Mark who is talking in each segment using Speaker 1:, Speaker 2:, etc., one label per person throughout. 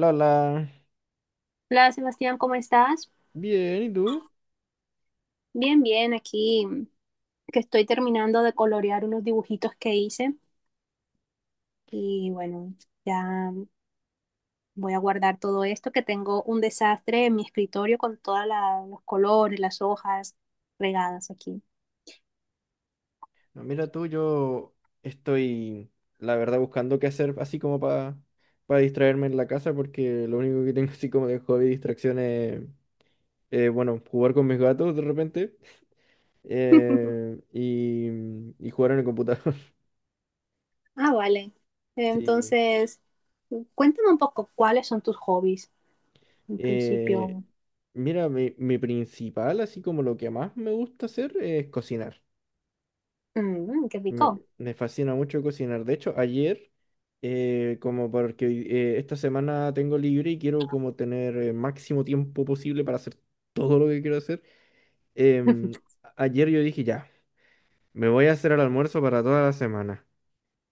Speaker 1: Lola,
Speaker 2: Hola Sebastián, ¿cómo estás?
Speaker 1: bien, ¿y tú?
Speaker 2: Bien, bien, aquí que estoy terminando de colorear unos dibujitos que hice y bueno, ya voy a guardar todo esto que tengo un desastre en mi escritorio con todos los colores, las hojas regadas aquí.
Speaker 1: No, mira tú, yo estoy, la verdad, buscando qué hacer así como para distraerme en la casa, porque lo único que tengo así como de hobby y distracción es, bueno, jugar con mis gatos de repente eh, y, y jugar en el computador.
Speaker 2: Ah, vale.
Speaker 1: Sí.
Speaker 2: Entonces, cuéntame un poco cuáles son tus hobbies en
Speaker 1: Eh,
Speaker 2: principio.
Speaker 1: mira, mi principal, así como lo que más me gusta hacer es cocinar.
Speaker 2: Mm, qué
Speaker 1: Me,
Speaker 2: rico.
Speaker 1: me fascina mucho cocinar. De hecho, ayer, como porque esta semana tengo libre y quiero como tener el máximo tiempo posible para hacer todo lo que quiero hacer, em, ayer yo dije, ya, me voy a hacer el almuerzo para toda la semana.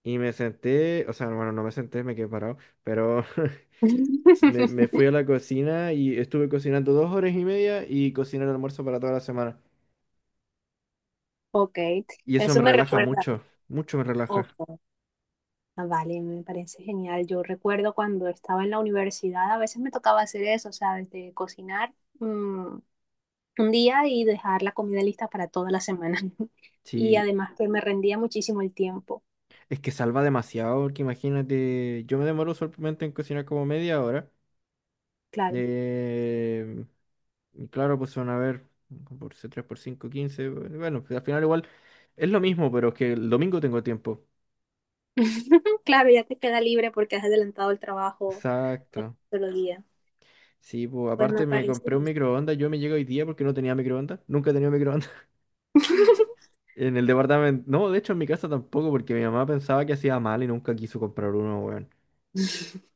Speaker 1: Y me senté, o sea, bueno, no me senté, me quedé parado, pero me fui a la cocina y estuve cocinando 2 horas y media y cociné el almuerzo para toda la semana.
Speaker 2: Ok,
Speaker 1: Y eso me
Speaker 2: eso me
Speaker 1: relaja
Speaker 2: recuerda.
Speaker 1: mucho, mucho me relaja.
Speaker 2: Ok. Ah, vale, me parece genial. Yo recuerdo cuando estaba en la universidad, a veces me tocaba hacer eso, ¿sabes? De cocinar mm, un día y dejar la comida lista para toda la semana. Y
Speaker 1: Sí,
Speaker 2: además que me rendía muchísimo el tiempo,
Speaker 1: es que salva demasiado, porque imagínate, yo me demoro solamente en cocinar como media hora.
Speaker 2: claro.
Speaker 1: eh, y claro, pues van a ver, 3 por 5 quince. Bueno, bueno, pues al final igual es lo mismo, pero es que el domingo tengo tiempo.
Speaker 2: Claro, ya te queda libre porque has adelantado el trabajo de
Speaker 1: Exacto.
Speaker 2: un solo día.
Speaker 1: Sí, pues
Speaker 2: Pues me
Speaker 1: aparte me
Speaker 2: parece.
Speaker 1: compré un microondas, yo me llego hoy día porque no tenía microondas, nunca he tenido microondas. En el departamento, no, de hecho en mi casa tampoco, porque mi mamá pensaba que hacía mal y nunca quiso comprar uno, weón.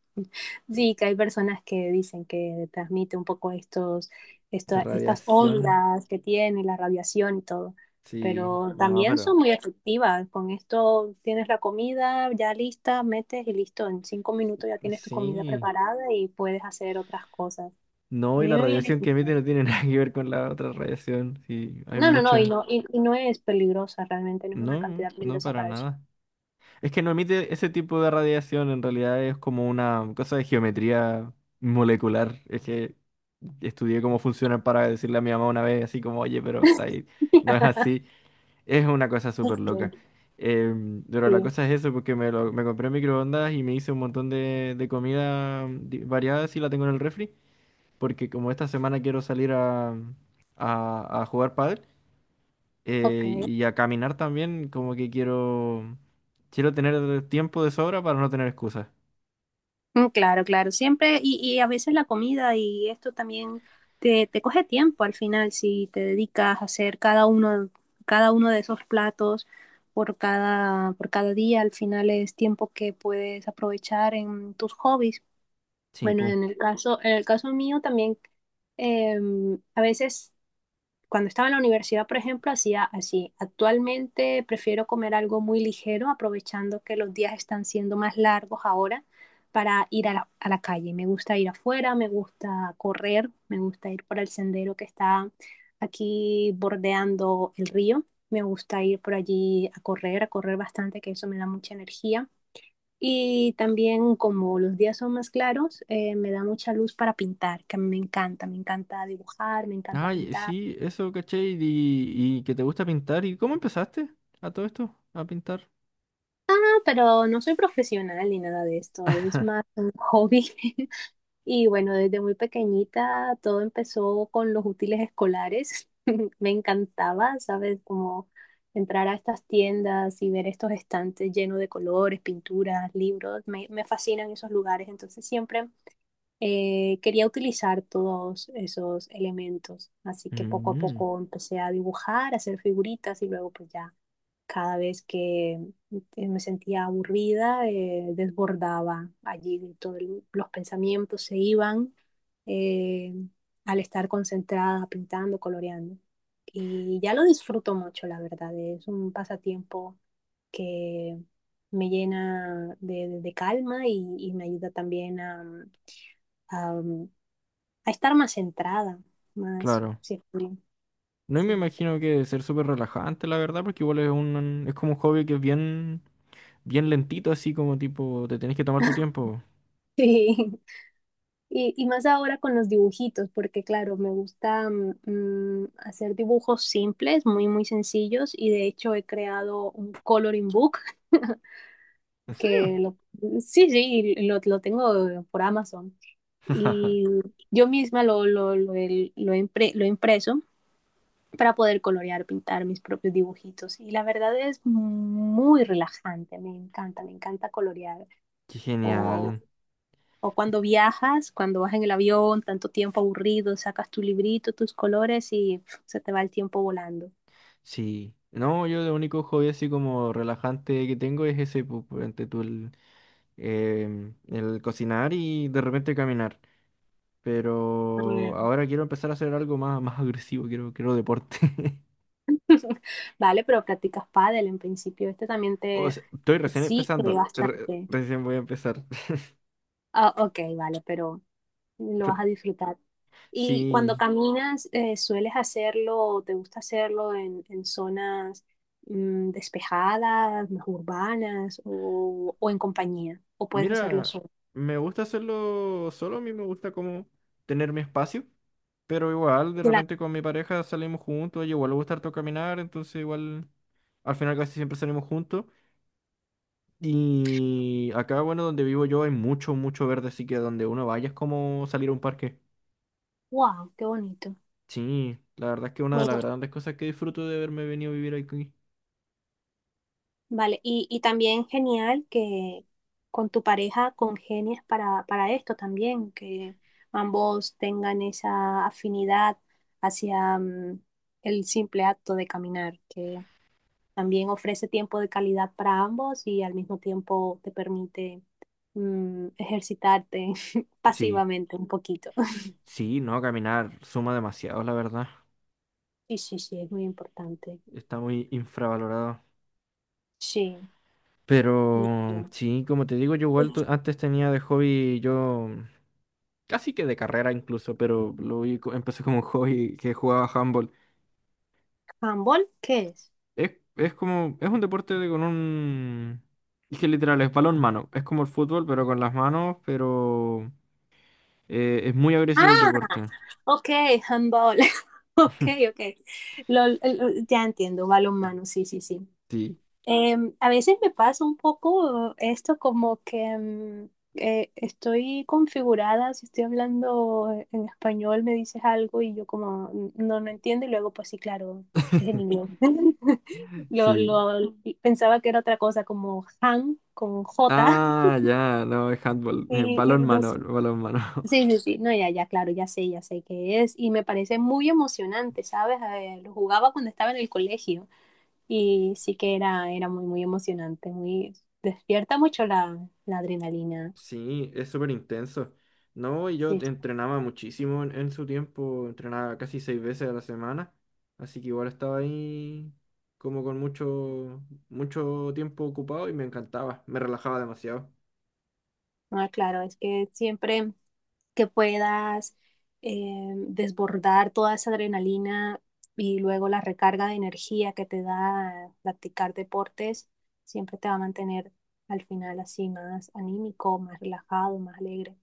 Speaker 2: Sí, que hay personas que dicen que transmite un poco estos,
Speaker 1: De
Speaker 2: esta- estas
Speaker 1: radiación,
Speaker 2: ondas que tiene la radiación y todo,
Speaker 1: sí,
Speaker 2: pero
Speaker 1: no,
Speaker 2: también
Speaker 1: pero
Speaker 2: son muy efectivas. Con esto tienes la comida ya lista, metes y listo. En 5 minutos ya tienes tu comida
Speaker 1: sí.
Speaker 2: preparada y puedes hacer otras cosas. A
Speaker 1: No, y
Speaker 2: mí
Speaker 1: la
Speaker 2: me viene-
Speaker 1: radiación que emite no tiene nada que ver con la otra radiación. Sí, hay
Speaker 2: No, no, no, y
Speaker 1: mucha.
Speaker 2: no es peligrosa realmente, no es una
Speaker 1: No,
Speaker 2: cantidad
Speaker 1: no
Speaker 2: peligrosa
Speaker 1: para
Speaker 2: para el
Speaker 1: nada. Es que no emite ese tipo de radiación, en realidad es como una cosa de geometría molecular. Es que estudié cómo funcionan para decirle a mi mamá una vez, así como, oye, pero está ahí. No es así. Es una cosa súper loca. Pero la
Speaker 2: Sí,
Speaker 1: cosa es eso, porque me compré microondas y me hice un montón de comida variada, y la tengo en el refri. Porque como esta semana quiero salir a jugar pádel
Speaker 2: ok.
Speaker 1: y a caminar también, como que quiero tener tiempo de sobra para no tener excusas.
Speaker 2: Mm, claro, claro, siempre, a veces la comida y esto también te coge tiempo al final si te dedicas a hacer cada uno de esos platos por cada día, al final es tiempo que puedes aprovechar en tus hobbies.
Speaker 1: Sí,
Speaker 2: Bueno,
Speaker 1: pum.
Speaker 2: en el caso mío también, a veces cuando estaba en la universidad, por ejemplo, hacía así. Actualmente prefiero comer algo muy ligero, aprovechando que los días están siendo más largos ahora para ir a la calle. Me gusta ir afuera, me gusta correr, me gusta ir por el sendero que está aquí bordeando el río. Me gusta ir por allí a correr bastante, que eso me da mucha energía. Y también como los días son más claros, me da mucha luz para pintar, que a mí me encanta dibujar, me encanta
Speaker 1: Ay,
Speaker 2: pintar
Speaker 1: sí, eso, caché, y que te gusta pintar. ¿Y cómo empezaste a todo esto? A pintar.
Speaker 2: pero no soy profesional ni nada de esto, es más un hobby. Y bueno, desde muy pequeñita todo empezó con los útiles escolares. Me encantaba, ¿sabes? Como entrar a estas tiendas y ver estos estantes llenos de colores, pinturas, libros. Me fascinan esos lugares, entonces siempre quería utilizar todos esos elementos. Así que poco a
Speaker 1: Mm,
Speaker 2: poco empecé a dibujar, a hacer figuritas y luego pues ya cada vez que me sentía aburrida, desbordaba allí, todos los pensamientos se iban eh, al estar concentrada, pintando, coloreando. Y ya lo disfruto mucho, la verdad. Es un pasatiempo que me llena de calma y, me ayuda también a, a estar más centrada, más,
Speaker 1: claro.
Speaker 2: sí,
Speaker 1: No, y me
Speaker 2: sí.
Speaker 1: imagino que debe ser súper relajante, la verdad, porque igual es como un hobby que es bien, bien lentito, así como tipo, te tenés que tomar tu tiempo.
Speaker 2: Sí. Y más ahora con los dibujitos, porque claro, me gusta hacer dibujos simples, muy, muy sencillos, y de hecho he creado un coloring book
Speaker 1: ¿En serio?
Speaker 2: que sí, sí, lo tengo por Amazon. Y yo misma lo he impreso para poder colorear, pintar mis propios dibujitos. Y la verdad es muy relajante, me encanta colorear
Speaker 1: Qué
Speaker 2: o
Speaker 1: genial.
Speaker 2: o cuando viajas, cuando vas en el avión, tanto tiempo aburrido, sacas tu librito, tus colores y pf, se te va el tiempo volando.
Speaker 1: Sí, no, yo lo único hobby así como relajante que tengo es ese, pues, ante tú el cocinar y de repente caminar. Pero
Speaker 2: También.
Speaker 1: ahora quiero empezar a hacer algo más, más agresivo, quiero deporte.
Speaker 2: Vale, pero practicas pádel en principio. Este también
Speaker 1: O
Speaker 2: te
Speaker 1: sea, estoy recién
Speaker 2: exige
Speaker 1: empezando,
Speaker 2: bastante.
Speaker 1: recién voy a empezar.
Speaker 2: Ah, ok, vale, pero lo
Speaker 1: Pero,
Speaker 2: vas a disfrutar. Y cuando
Speaker 1: sí,
Speaker 2: caminas, ¿sueles hacerlo o te gusta hacerlo en, zonas despejadas, más urbanas o en compañía? ¿O puedes hacerlo
Speaker 1: mira,
Speaker 2: solo?
Speaker 1: me gusta hacerlo solo, a mí me gusta como tener mi espacio. Pero igual, de
Speaker 2: Claro.
Speaker 1: repente con mi pareja salimos juntos, y igual le gusta harto caminar, entonces igual al final casi siempre salimos juntos. Y acá, bueno, donde vivo yo hay mucho, mucho verde, así que donde uno vaya es como salir a un parque.
Speaker 2: ¡Wow! ¡Qué bonito!
Speaker 1: Sí, la verdad es que una de las
Speaker 2: Bueno,
Speaker 1: grandes cosas que disfruto de haberme venido a vivir aquí.
Speaker 2: vale, y también genial que con tu pareja congenies para esto también, que ambos tengan esa afinidad hacia el simple acto de caminar, que también ofrece tiempo de calidad para ambos y al mismo tiempo te permite ejercitarte
Speaker 1: Sí,
Speaker 2: pasivamente un poquito.
Speaker 1: sí, no, caminar suma demasiado, la verdad.
Speaker 2: Sí, sí, sí, es muy importante.
Speaker 1: Está muy infravalorado.
Speaker 2: Sí. Y, y-
Speaker 1: Pero sí, como te digo, yo igual antes tenía de hobby yo casi que de carrera incluso, pero empecé como un hobby que jugaba handball.
Speaker 2: ¿Handball qué es?
Speaker 1: Es como, es un deporte con un... Es que literal, es balón mano. Es como el fútbol, pero con las manos, pero es muy
Speaker 2: Ah,
Speaker 1: agresivo el deporte.
Speaker 2: ok, handball. Ok, ok. Lol, ya entiendo, balonmano, sí, sí, sí.
Speaker 1: Sí,
Speaker 2: Em, a veces me pasa un poco esto como que estoy configurada, si estoy hablando en español me dices algo y yo como no, no entiendo y luego pues sí, claro, es en inglés.
Speaker 1: sí.
Speaker 2: Lo- pensaba que era otra cosa como han con J
Speaker 1: Ah, ya, no, es handball. eh,
Speaker 2: y, y
Speaker 1: balón
Speaker 2: no
Speaker 1: mano, balón mano.
Speaker 2: Sí, sí, sí, no, ya, ya, claro, ya sé qué es y me parece muy emocionante, ¿sabes? Lo jugaba cuando estaba en el colegio y sí que era muy, muy emocionante, muy, despierta mucho la adrenalina.
Speaker 1: Sí, es súper intenso. No, y yo
Speaker 2: Sí,
Speaker 1: entrenaba muchísimo en su tiempo, entrenaba casi seis veces a la semana, así que igual estaba ahí como con mucho, mucho tiempo ocupado y me encantaba, me relajaba demasiado.
Speaker 2: ah, claro, es que siempre que puedas desbordar toda esa adrenalina y luego la recarga de energía que te da practicar deportes, siempre te va a mantener al final así más anímico, más relajado, más alegre.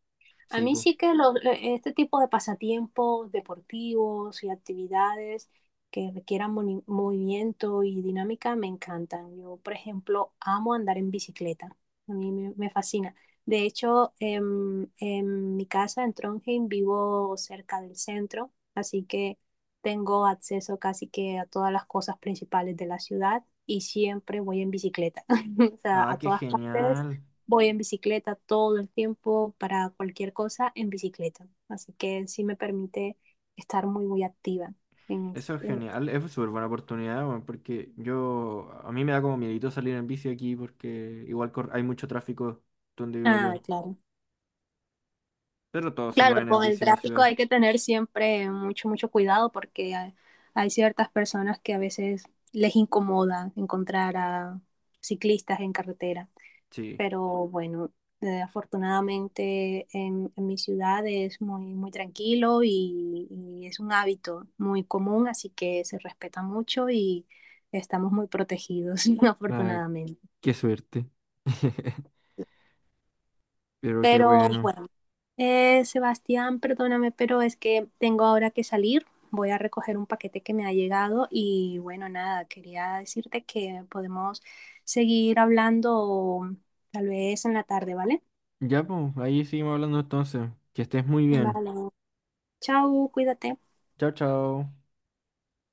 Speaker 2: A
Speaker 1: Sí,
Speaker 2: mí
Speaker 1: pues.
Speaker 2: sí que lo- Este tipo de pasatiempos deportivos y actividades que requieran movimiento y dinámica me encantan. Yo, por ejemplo, amo andar en bicicleta. A mí me fascina. De hecho, en mi casa en Trondheim vivo cerca del centro, así que tengo acceso casi que a todas las cosas principales de la ciudad y siempre voy en bicicleta. O sea,
Speaker 1: Ah,
Speaker 2: a
Speaker 1: qué
Speaker 2: todas partes.
Speaker 1: genial.
Speaker 2: Voy en bicicleta todo el tiempo para cualquier cosa en bicicleta. Así que sí me permite estar muy, muy activa. en
Speaker 1: Eso es
Speaker 2: este-
Speaker 1: genial, es súper buena oportunidad, weón, porque yo, a mí me da como miedito salir en bici aquí porque igual hay mucho tráfico donde vivo yo,
Speaker 2: Ah, claro.
Speaker 1: pero todos se
Speaker 2: Claro,
Speaker 1: mueven en
Speaker 2: con el
Speaker 1: bici en mi
Speaker 2: tráfico
Speaker 1: ciudad.
Speaker 2: hay que tener siempre mucho, mucho cuidado porque hay ciertas personas que a veces les incomoda encontrar a ciclistas en carretera.
Speaker 1: Sí.
Speaker 2: Pero bueno, afortunadamente en, mi ciudad es muy, muy tranquilo y, es un hábito muy común, así que se respeta mucho y estamos muy protegidos,
Speaker 1: Ah,
Speaker 2: afortunadamente.
Speaker 1: qué suerte. Pero qué
Speaker 2: Pero
Speaker 1: bueno.
Speaker 2: bueno, Sebastián, perdóname, pero es que tengo ahora que salir. Voy a recoger un paquete que me ha llegado y bueno, nada, quería decirte que podemos seguir hablando tal vez en la tarde, ¿vale?
Speaker 1: Ya, pues, ahí seguimos hablando entonces. Que estés muy bien.
Speaker 2: Vale. Chao, cuídate.
Speaker 1: Chao, chao.